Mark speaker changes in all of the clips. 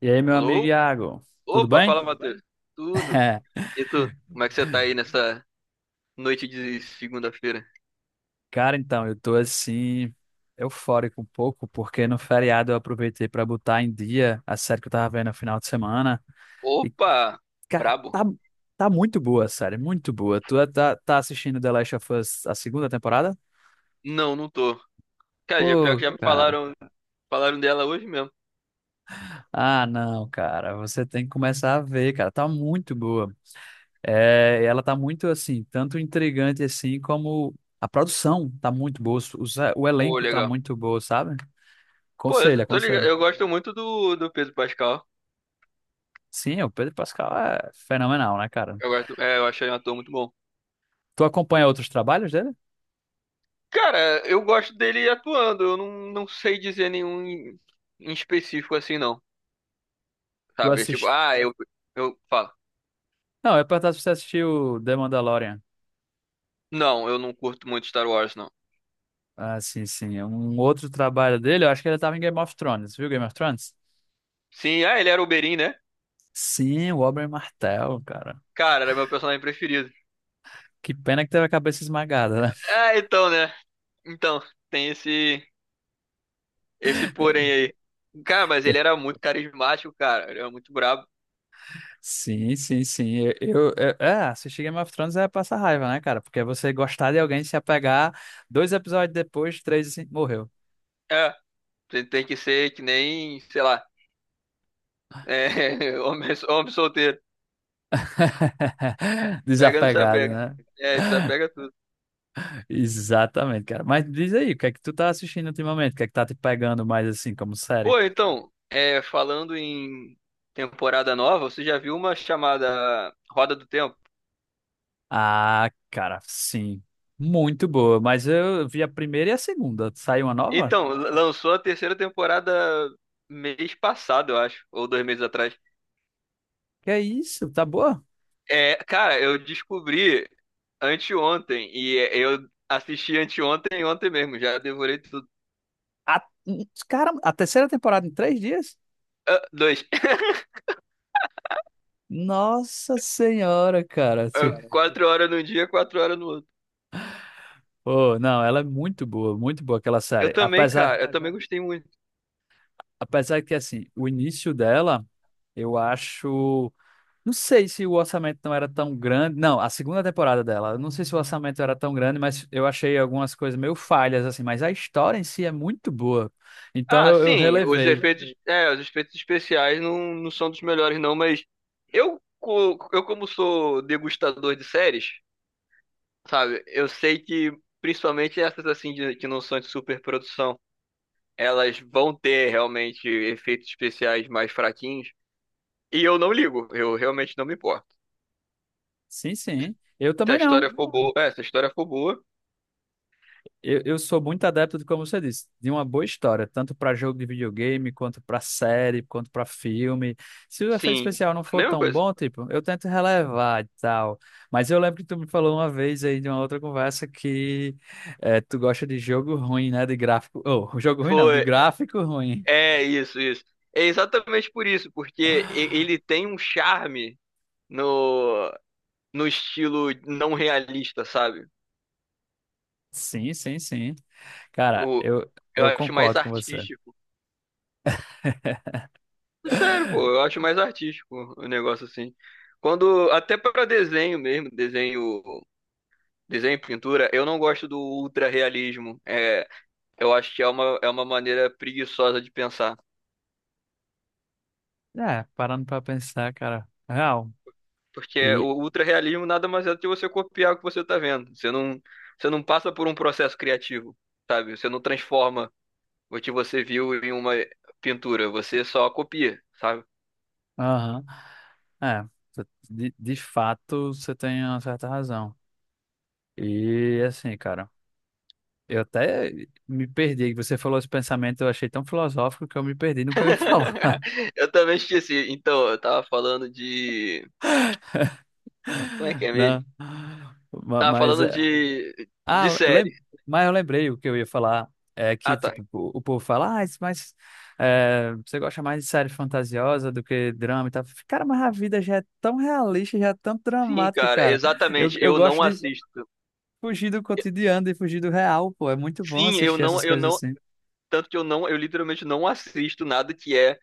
Speaker 1: E aí, meu amigo
Speaker 2: Alô?
Speaker 1: Iago, tudo
Speaker 2: Opa,
Speaker 1: bem?
Speaker 2: fala, tudo Matheus. Bem? Tudo? E tu? Como é que você tá aí nessa noite de segunda-feira?
Speaker 1: Cara, então, eu tô assim, eufórico um pouco, porque no feriado eu aproveitei pra botar em dia a série que eu tava vendo no final de semana. E,
Speaker 2: Opa!
Speaker 1: cara,
Speaker 2: Brabo?
Speaker 1: tá muito boa a série, muito boa. Tá assistindo The Last of Us a segunda temporada?
Speaker 2: Não, não tô. Cara, já, pior que
Speaker 1: Pô,
Speaker 2: já me
Speaker 1: cara.
Speaker 2: falaram, dela hoje mesmo.
Speaker 1: Ah, não, cara, você tem que começar a ver, cara, tá muito boa. É, ela tá muito assim, tanto intrigante assim, como a produção tá muito boa, o
Speaker 2: Pô, é?
Speaker 1: elenco tá
Speaker 2: Legal.
Speaker 1: muito bom, sabe?
Speaker 2: Pô,
Speaker 1: Aconselho,
Speaker 2: eu tô ligado.
Speaker 1: aconselho.
Speaker 2: Eu gosto muito do Pedro Pascal.
Speaker 1: Sim, o Pedro Pascal é fenomenal, né, cara?
Speaker 2: Eu gosto, é, eu achei um ator muito bom.
Speaker 1: Tu acompanha outros trabalhos dele?
Speaker 2: Cara, eu gosto dele atuando. Eu não, não sei dizer nenhum em, específico assim, não.
Speaker 1: Tu
Speaker 2: Sabe? É tipo,
Speaker 1: assiste?
Speaker 2: eu falo.
Speaker 1: Não, eu ia perguntar se você assistiu The Mandalorian.
Speaker 2: Não, eu não curto muito Star Wars, não.
Speaker 1: Ah, sim, sim. Um outro trabalho dele, eu acho que ele tava em Game of Thrones, viu Game of Thrones?
Speaker 2: Sim, ah, ele era o Oberyn, né?
Speaker 1: Sim, o Oberyn Martell, cara.
Speaker 2: Cara, era meu personagem preferido.
Speaker 1: Que pena que teve a cabeça esmagada, né?
Speaker 2: Ah, então, né? Então, tem esse porém aí. Cara, mas ele era muito carismático, cara. Ele era muito brabo.
Speaker 1: Sim, sim, sim. Assistir Game of Thrones é passar raiva, né, cara? Porque você gostar de alguém se apegar, dois episódios depois, três, assim, morreu.
Speaker 2: É, você tem que ser que nem, sei lá, é, homem solteiro. Pega, não se
Speaker 1: Desapegado,
Speaker 2: apega.
Speaker 1: né?
Speaker 2: É, aham. Desapega tudo.
Speaker 1: Exatamente, cara. Mas diz aí, o que é que tu tá assistindo ultimamente? O que é que tá te pegando mais assim, como série?
Speaker 2: Pô, então, é, falando em temporada nova, você já viu uma chamada Roda do Tempo?
Speaker 1: Ah, cara, sim. Muito boa. Mas eu vi a primeira e a segunda. Saiu uma nova?
Speaker 2: Então, lançou a terceira temporada mês passado, eu acho, ou 2 meses atrás.
Speaker 1: Que é isso? Tá boa?
Speaker 2: É, cara, eu descobri anteontem. E eu assisti anteontem e ontem mesmo. Já devorei tudo.
Speaker 1: A... Cara, a terceira temporada em três dias?
Speaker 2: Ah, dois.
Speaker 1: Nossa Senhora, cara.
Speaker 2: Ah,
Speaker 1: Se-
Speaker 2: cara, 4 horas num dia, 4 horas no outro.
Speaker 1: Pô, não, ela é muito boa aquela
Speaker 2: Eu,
Speaker 1: série.
Speaker 2: cara, também, tá,
Speaker 1: Apesar,
Speaker 2: cara, eu tá também já gostei muito.
Speaker 1: apesar que, assim, o início dela, eu acho. Não sei se o orçamento não era tão grande. Não, a segunda temporada dela. Eu não sei se o orçamento era tão grande, mas eu achei algumas coisas meio falhas, assim. Mas a história em si é muito boa. Então
Speaker 2: Ah, tá
Speaker 1: eu
Speaker 2: sim, valendo os muito
Speaker 1: relevei.
Speaker 2: efeitos, pena. É, os efeitos especiais não, são dos melhores, não, mas eu, eu como sou degustador de séries, sabe, eu sei que principalmente essas assim que não são de superprodução, elas vão ter realmente efeitos especiais mais fraquinhos. E eu não ligo, eu realmente não me importo.
Speaker 1: Sim, sim. Eu
Speaker 2: Se a
Speaker 1: também não.
Speaker 2: história for boa. É, se a história for boa,
Speaker 1: Eu sou muito adepto de, como você disse, de uma boa história, tanto para jogo de videogame, quanto para série, quanto para filme. Se o efeito
Speaker 2: sim.
Speaker 1: especial não for
Speaker 2: Mesma
Speaker 1: tão
Speaker 2: coisa.
Speaker 1: bom, tipo, eu tento relevar e tal. Mas eu lembro que tu me falou uma vez aí de uma outra conversa que tu gosta de jogo ruim, né? De gráfico. Oh, jogo ruim não, de
Speaker 2: Foi.
Speaker 1: gráfico ruim.
Speaker 2: É isso, isso. É exatamente por isso, porque ele tem um charme no, no, estilo não realista, sabe?
Speaker 1: Sim, sim, sim. Cara,
Speaker 2: O, eu
Speaker 1: eu
Speaker 2: acho mais
Speaker 1: concordo com você.
Speaker 2: artístico. É sério, pô, eu acho mais artístico o negócio assim. Quando, até para desenho mesmo, desenho e pintura, eu não gosto do ultra realismo. É, eu acho que é uma maneira preguiçosa de pensar.
Speaker 1: É, parando pra pensar, cara. Real.
Speaker 2: Porque
Speaker 1: E.
Speaker 2: o ultra-realismo nada mais é do que você copiar o que você tá vendo. você não, passa por um processo criativo, sabe? Você não transforma o que você viu em uma pintura, você só copia, sabe?
Speaker 1: Aham. É, de fato você tem uma certa razão. E assim, cara, eu até me perdi. Você falou esse pensamento, eu achei tão filosófico que eu me perdi no que eu ia falar.
Speaker 2: Eu também esqueci. Então, eu tava falando de. Como é que é mesmo?
Speaker 1: Não.
Speaker 2: Tava
Speaker 1: Mas,
Speaker 2: falando de
Speaker 1: ah,
Speaker 2: série.
Speaker 1: lem- mas eu lembrei o que eu ia falar. É que,
Speaker 2: Ah, tá.
Speaker 1: tipo, o povo fala, ah, mas você gosta mais de série fantasiosa do que drama e tal. Cara, mas a vida já é tão realista, já é tão
Speaker 2: Sim,
Speaker 1: dramática,
Speaker 2: cara,
Speaker 1: cara. Eu,
Speaker 2: exatamente.
Speaker 1: eu
Speaker 2: Eu não
Speaker 1: gosto de
Speaker 2: assisto.
Speaker 1: fugir do cotidiano e fugir do real, pô. É muito bom
Speaker 2: Sim, eu
Speaker 1: assistir
Speaker 2: não,
Speaker 1: essas
Speaker 2: eu
Speaker 1: coisas
Speaker 2: não.
Speaker 1: assim.
Speaker 2: Tanto que eu literalmente não assisto nada que é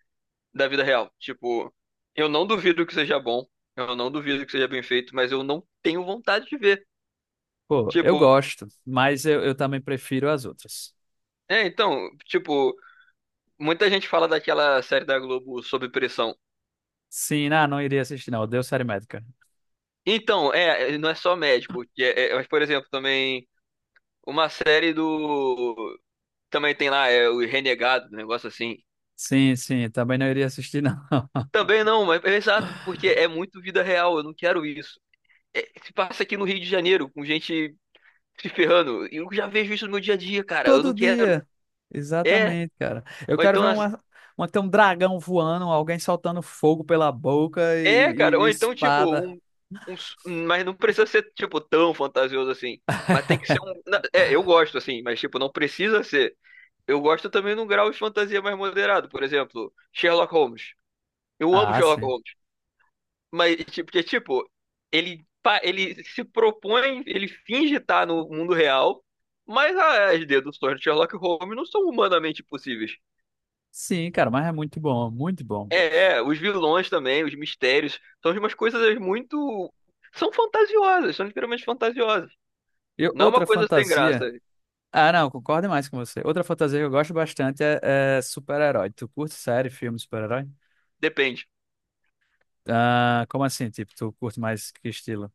Speaker 2: da vida real. Tipo, eu não duvido que seja bom, eu não duvido que seja bem feito, mas eu não tenho vontade de ver.
Speaker 1: Pô, eu
Speaker 2: Tipo,
Speaker 1: gosto, mas eu também prefiro as outras.
Speaker 2: é, então, tipo, muita gente fala daquela série da Globo Sob Pressão.
Speaker 1: Sim, não, não iria assistir, não. Odeio série médica.
Speaker 2: Então, é, não é só médico, que é, mas, por exemplo, também uma série do. Também tem lá, é o Renegado, um negócio assim.
Speaker 1: Sim, sim, também não iria assistir, não.
Speaker 2: Também não, mas é exato, porque é muito vida real, eu não quero isso. É, se passa aqui no Rio de Janeiro, com gente se ferrando, eu já vejo isso no meu dia a dia, cara, eu
Speaker 1: Todo
Speaker 2: não quero.
Speaker 1: dia.
Speaker 2: É,
Speaker 1: Exatamente, cara. Eu
Speaker 2: ou
Speaker 1: quero
Speaker 2: então,
Speaker 1: ver
Speaker 2: assim,
Speaker 1: uma, ter um dragão voando, alguém soltando fogo pela boca e,
Speaker 2: é, cara,
Speaker 1: e
Speaker 2: ou então, tipo,
Speaker 1: espada.
Speaker 2: mas não precisa ser, tipo, tão fantasioso assim. Mas tem que ser um. É, eu gosto, assim, mas, tipo, não precisa ser. Eu gosto também num grau de fantasia mais moderado. Por exemplo, Sherlock Holmes. Eu amo
Speaker 1: Ah,
Speaker 2: Sherlock
Speaker 1: sim.
Speaker 2: Holmes. Mas, tipo, porque, tipo, ele se propõe, ele finge estar no mundo real, mas é, as deduções de Sherlock Holmes não são humanamente possíveis.
Speaker 1: Sim, cara, mas é muito bom, pô.
Speaker 2: É, os vilões também, os mistérios, são umas coisas muito. São fantasiosas, são literalmente fantasiosas.
Speaker 1: Eu,
Speaker 2: Não é uma
Speaker 1: outra
Speaker 2: coisa sem graça.
Speaker 1: fantasia. Ah, não, concordo demais com você. Outra fantasia que eu gosto bastante é, é super-herói. Tu curte série, filme, super-herói?
Speaker 2: Depende.
Speaker 1: Ah, como assim? Tipo, tu curte mais que estilo?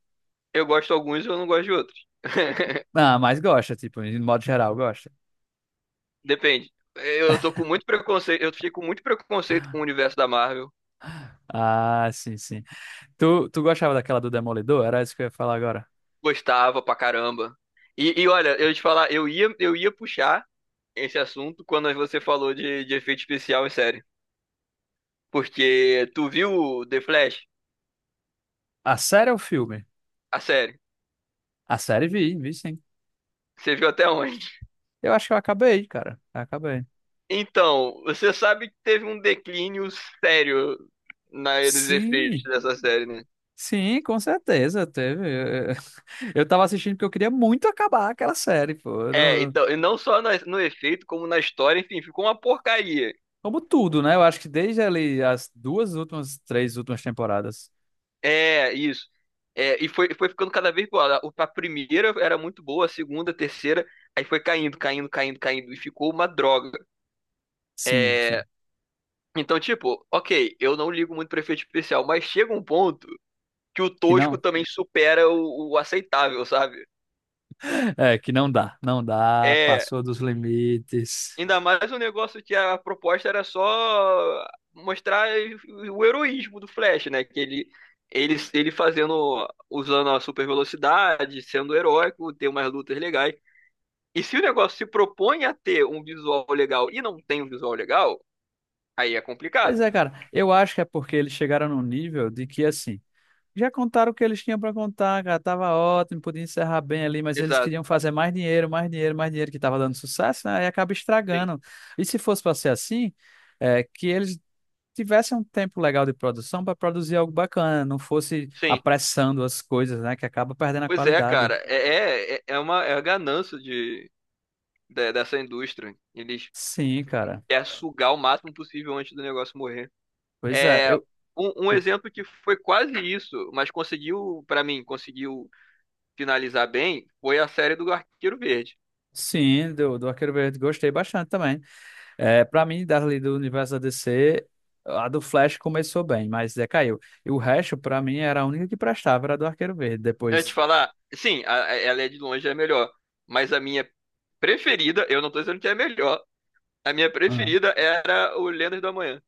Speaker 2: Eu gosto de alguns e eu não gosto de outros.
Speaker 1: Ah, mas gosta, tipo, de modo geral, gosta.
Speaker 2: Depende. Eu tô com muito preconceito, eu fiquei com muito preconceito com o universo da Marvel.
Speaker 1: Ah, sim, sim. Tu gostava daquela do Demolidor? Era isso que eu ia falar agora.
Speaker 2: Gostava pra caramba. E olha, eu ia te falar, eu ia puxar esse assunto quando você falou de, efeito especial em série. Porque tu viu The Flash?
Speaker 1: A série ou o filme?
Speaker 2: A série.
Speaker 1: A série vi, vi sim.
Speaker 2: Você viu até onde?
Speaker 1: Eu acho que eu acabei, cara. Acabei.
Speaker 2: Então, você sabe que teve um declínio sério nos efeitos
Speaker 1: Sim.
Speaker 2: dessa série, né?
Speaker 1: Sim, com certeza, teve. Eu eu tava assistindo porque eu queria muito acabar aquela série, pô. Eu
Speaker 2: É,
Speaker 1: não-
Speaker 2: então, e não só no efeito, como na história, enfim, ficou uma porcaria.
Speaker 1: Como tudo, né? Eu acho que desde ali as duas últimas, três últimas temporadas.
Speaker 2: É, isso. É, e foi ficando cada vez pior. A primeira era muito boa, a segunda, a terceira, aí foi caindo, caindo, caindo, caindo, e ficou uma droga.
Speaker 1: Sim,
Speaker 2: É,
Speaker 1: sim.
Speaker 2: então, tipo, ok, eu não ligo muito pra efeito especial, mas chega um ponto que o
Speaker 1: Que
Speaker 2: tosco
Speaker 1: não.
Speaker 2: também supera o, aceitável, sabe?
Speaker 1: É, que não dá. Não dá,
Speaker 2: É.
Speaker 1: passou dos limites.
Speaker 2: Ainda mais o negócio que a proposta era só mostrar o heroísmo do Flash, né? Que ele fazendo, usando a super velocidade, sendo heróico, ter umas lutas legais. E se o negócio se propõe a ter um visual legal e não tem um visual legal, aí é
Speaker 1: Pois
Speaker 2: complicado.
Speaker 1: é, cara. Eu acho que é porque eles chegaram num nível de que, assim, já contaram o que eles tinham para contar, cara. Tava ótimo, podia encerrar bem ali, mas eles
Speaker 2: Exato,
Speaker 1: queriam fazer mais dinheiro, mais dinheiro, mais dinheiro, que tava dando sucesso, né? E acaba
Speaker 2: sim,
Speaker 1: estragando. E se fosse para ser assim, é, que eles tivessem um tempo legal de produção para produzir algo bacana, não fosse
Speaker 2: sim.
Speaker 1: apressando as coisas, né? Que acaba perdendo a
Speaker 2: Pois é,
Speaker 1: qualidade.
Speaker 2: cara, é, é, é é uma é a ganância de, dessa indústria. Eles
Speaker 1: Sim, cara.
Speaker 2: querem sugar o máximo possível antes do negócio morrer.
Speaker 1: Pois é,
Speaker 2: É,
Speaker 1: eu.
Speaker 2: um
Speaker 1: O-
Speaker 2: exemplo que foi quase isso, mas conseguiu, pra mim, conseguiu finalizar bem, foi a série do Arqueiro Verde.
Speaker 1: Sim, do, do Arqueiro Verde gostei bastante também. É, para mim, das ali do universo da DC, a do Flash começou bem, mas decaiu. E o resto, pra mim, era a única que prestava, era a do Arqueiro Verde.
Speaker 2: Antes de
Speaker 1: Depois.
Speaker 2: falar, sim, ela é de longe a melhor, mas a minha preferida, eu não tô dizendo que é a melhor, a minha
Speaker 1: Ah.
Speaker 2: preferida era o Lendas do Amanhã.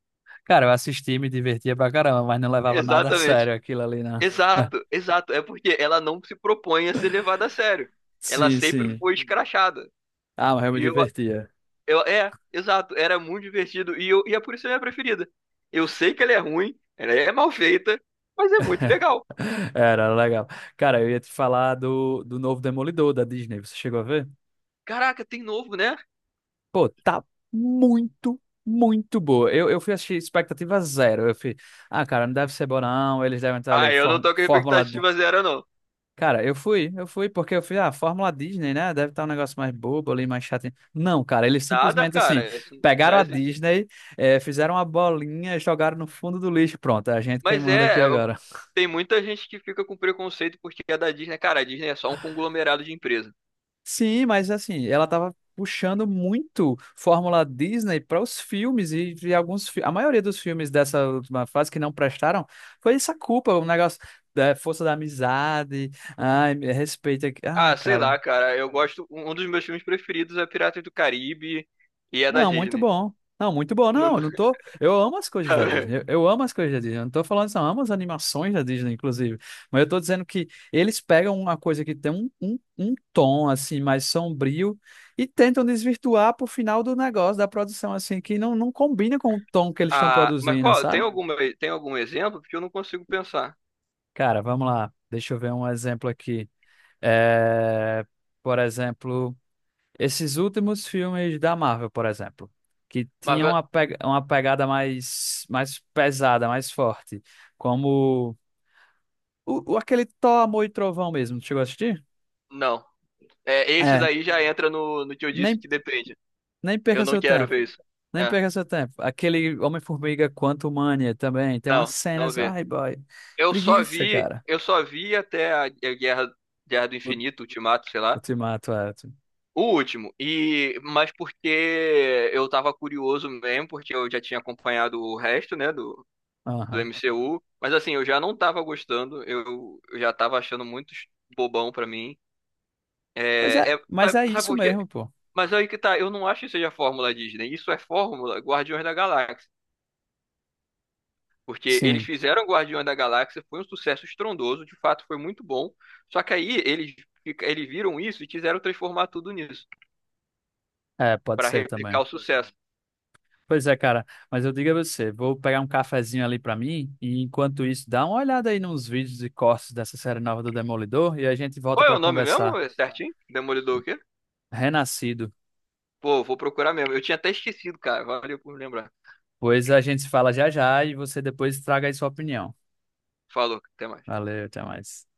Speaker 1: Cara, eu assisti, me divertia pra caramba, mas não levava nada a
Speaker 2: Exatamente.
Speaker 1: sério aquilo ali, não.
Speaker 2: Exato, exato. É porque ela não se propõe a ser levada a sério. Ela
Speaker 1: Sim,
Speaker 2: sempre
Speaker 1: sim.
Speaker 2: foi escrachada.
Speaker 1: Ah, mas eu me
Speaker 2: E eu
Speaker 1: divertia.
Speaker 2: Eu, é, exato, era muito divertido e, e é por isso que é a minha preferida. Eu sei que ela é ruim, ela é mal feita, mas é muito legal.
Speaker 1: Era era legal. Cara, eu ia te falar do, do novo Demolidor da Disney. Você chegou a ver?
Speaker 2: Caraca, tem novo, né?
Speaker 1: Pô, tá muito, muito boa. Eu fui assistir expectativa zero. Eu fui, ah, cara, não deve ser bom, não. Eles devem estar
Speaker 2: Ah,
Speaker 1: ali,
Speaker 2: eu não tô com
Speaker 1: fórmula
Speaker 2: expectativa zero, não.
Speaker 1: Cara, eu fui, porque eu fui, ah, Fórmula Disney, né? Deve estar um negócio mais bobo ali, mais chato. Não, cara, eles
Speaker 2: Nada,
Speaker 1: simplesmente assim,
Speaker 2: cara. Isso não
Speaker 1: pegaram a
Speaker 2: é-
Speaker 1: Disney, fizeram uma bolinha, jogaram no fundo do lixo. Pronto, é a gente quem
Speaker 2: Mas
Speaker 1: manda aqui
Speaker 2: é,
Speaker 1: agora.
Speaker 2: tem muita gente que fica com preconceito porque é da Disney. Cara, a Disney é só um conglomerado de empresa.
Speaker 1: Sim, mas assim, ela tava puxando muito Fórmula Disney para os filmes e alguns, a maioria dos filmes dessa última fase que não prestaram foi essa culpa, um negócio da força da amizade, ai, respeito aqui. Ai,
Speaker 2: Ah, sei
Speaker 1: cara.
Speaker 2: lá, cara, eu gosto. Um dos meus filmes preferidos é Piratas do Caribe e é da
Speaker 1: Não, muito
Speaker 2: Disney.
Speaker 1: bom. Não, muito bom.
Speaker 2: Não-
Speaker 1: Não, eu não tô. Eu amo as coisas da Disney. Eu, eu amo as coisas da Disney. Eu não tô falando isso, não. Eu amo as animações da Disney, inclusive. Mas eu tô dizendo que eles pegam uma coisa que tem um, um, um tom, assim, mais sombrio e tentam desvirtuar pro final do negócio, da produção, assim, que não, não combina com o tom que eles estão
Speaker 2: Ah, mas
Speaker 1: produzindo,
Speaker 2: qual? Tem
Speaker 1: sabe?
Speaker 2: alguma, tem algum exemplo? Porque eu não consigo pensar.
Speaker 1: Cara, vamos lá. Deixa eu ver um exemplo aqui. É, por exemplo. Esses últimos filmes da Marvel, por exemplo, que
Speaker 2: Mas
Speaker 1: tinham uma, uma pegada mais, mais pesada, mais forte, como o, aquele Thor, Amor e Trovão mesmo, tu chegou a assistir?
Speaker 2: não. É, esses
Speaker 1: É,
Speaker 2: aí já entra no, que eu disse
Speaker 1: nem,
Speaker 2: que depende.
Speaker 1: nem
Speaker 2: Eu
Speaker 1: perca
Speaker 2: não
Speaker 1: seu
Speaker 2: quero
Speaker 1: tempo,
Speaker 2: ver isso.
Speaker 1: nem
Speaker 2: É.
Speaker 1: perca seu tempo. Aquele Homem-Formiga Quantumania também, tem umas
Speaker 2: Não, não
Speaker 1: cenas,
Speaker 2: vê.
Speaker 1: ai boy,
Speaker 2: Eu só
Speaker 1: preguiça,
Speaker 2: vi,
Speaker 1: cara.
Speaker 2: eu só vi até a Guerra do
Speaker 1: O
Speaker 2: Infinito, Ultimato, sei lá.
Speaker 1: Ultimato, é. Tu-
Speaker 2: O último. E mas porque eu tava curioso mesmo, porque eu já tinha acompanhado o resto, né, do
Speaker 1: Aham.
Speaker 2: MCU, mas assim, eu já não tava gostando, eu já tava achando muito bobão pra mim.
Speaker 1: Pois é, mas
Speaker 2: Sabe,
Speaker 1: é
Speaker 2: sabe
Speaker 1: isso
Speaker 2: por quê?
Speaker 1: mesmo, pô.
Speaker 2: Mas aí que tá, eu não acho que seja fórmula Disney. Isso é fórmula Guardiões da Galáxia. Porque eles
Speaker 1: Sim,
Speaker 2: fizeram Guardiões da Galáxia, foi um sucesso estrondoso, de fato foi muito bom. Só que aí eles viram isso e quiseram transformar tudo nisso,
Speaker 1: é, pode
Speaker 2: pra
Speaker 1: ser
Speaker 2: replicar
Speaker 1: também.
Speaker 2: o sucesso.
Speaker 1: Pois é, cara, mas eu digo a você, vou pegar um cafezinho ali pra mim e enquanto isso, dá uma olhada aí nos vídeos e cortes dessa série nova do Demolidor e a gente volta
Speaker 2: Qual é
Speaker 1: pra
Speaker 2: o nome
Speaker 1: conversar.
Speaker 2: mesmo? É certinho? Demolidor o quê?
Speaker 1: Renascido.
Speaker 2: Pô, vou procurar mesmo. Eu tinha até esquecido, cara. Valeu por lembrar.
Speaker 1: Pois a gente se fala já já e você depois traga aí sua opinião.
Speaker 2: Falou, até mais.
Speaker 1: Valeu, até mais.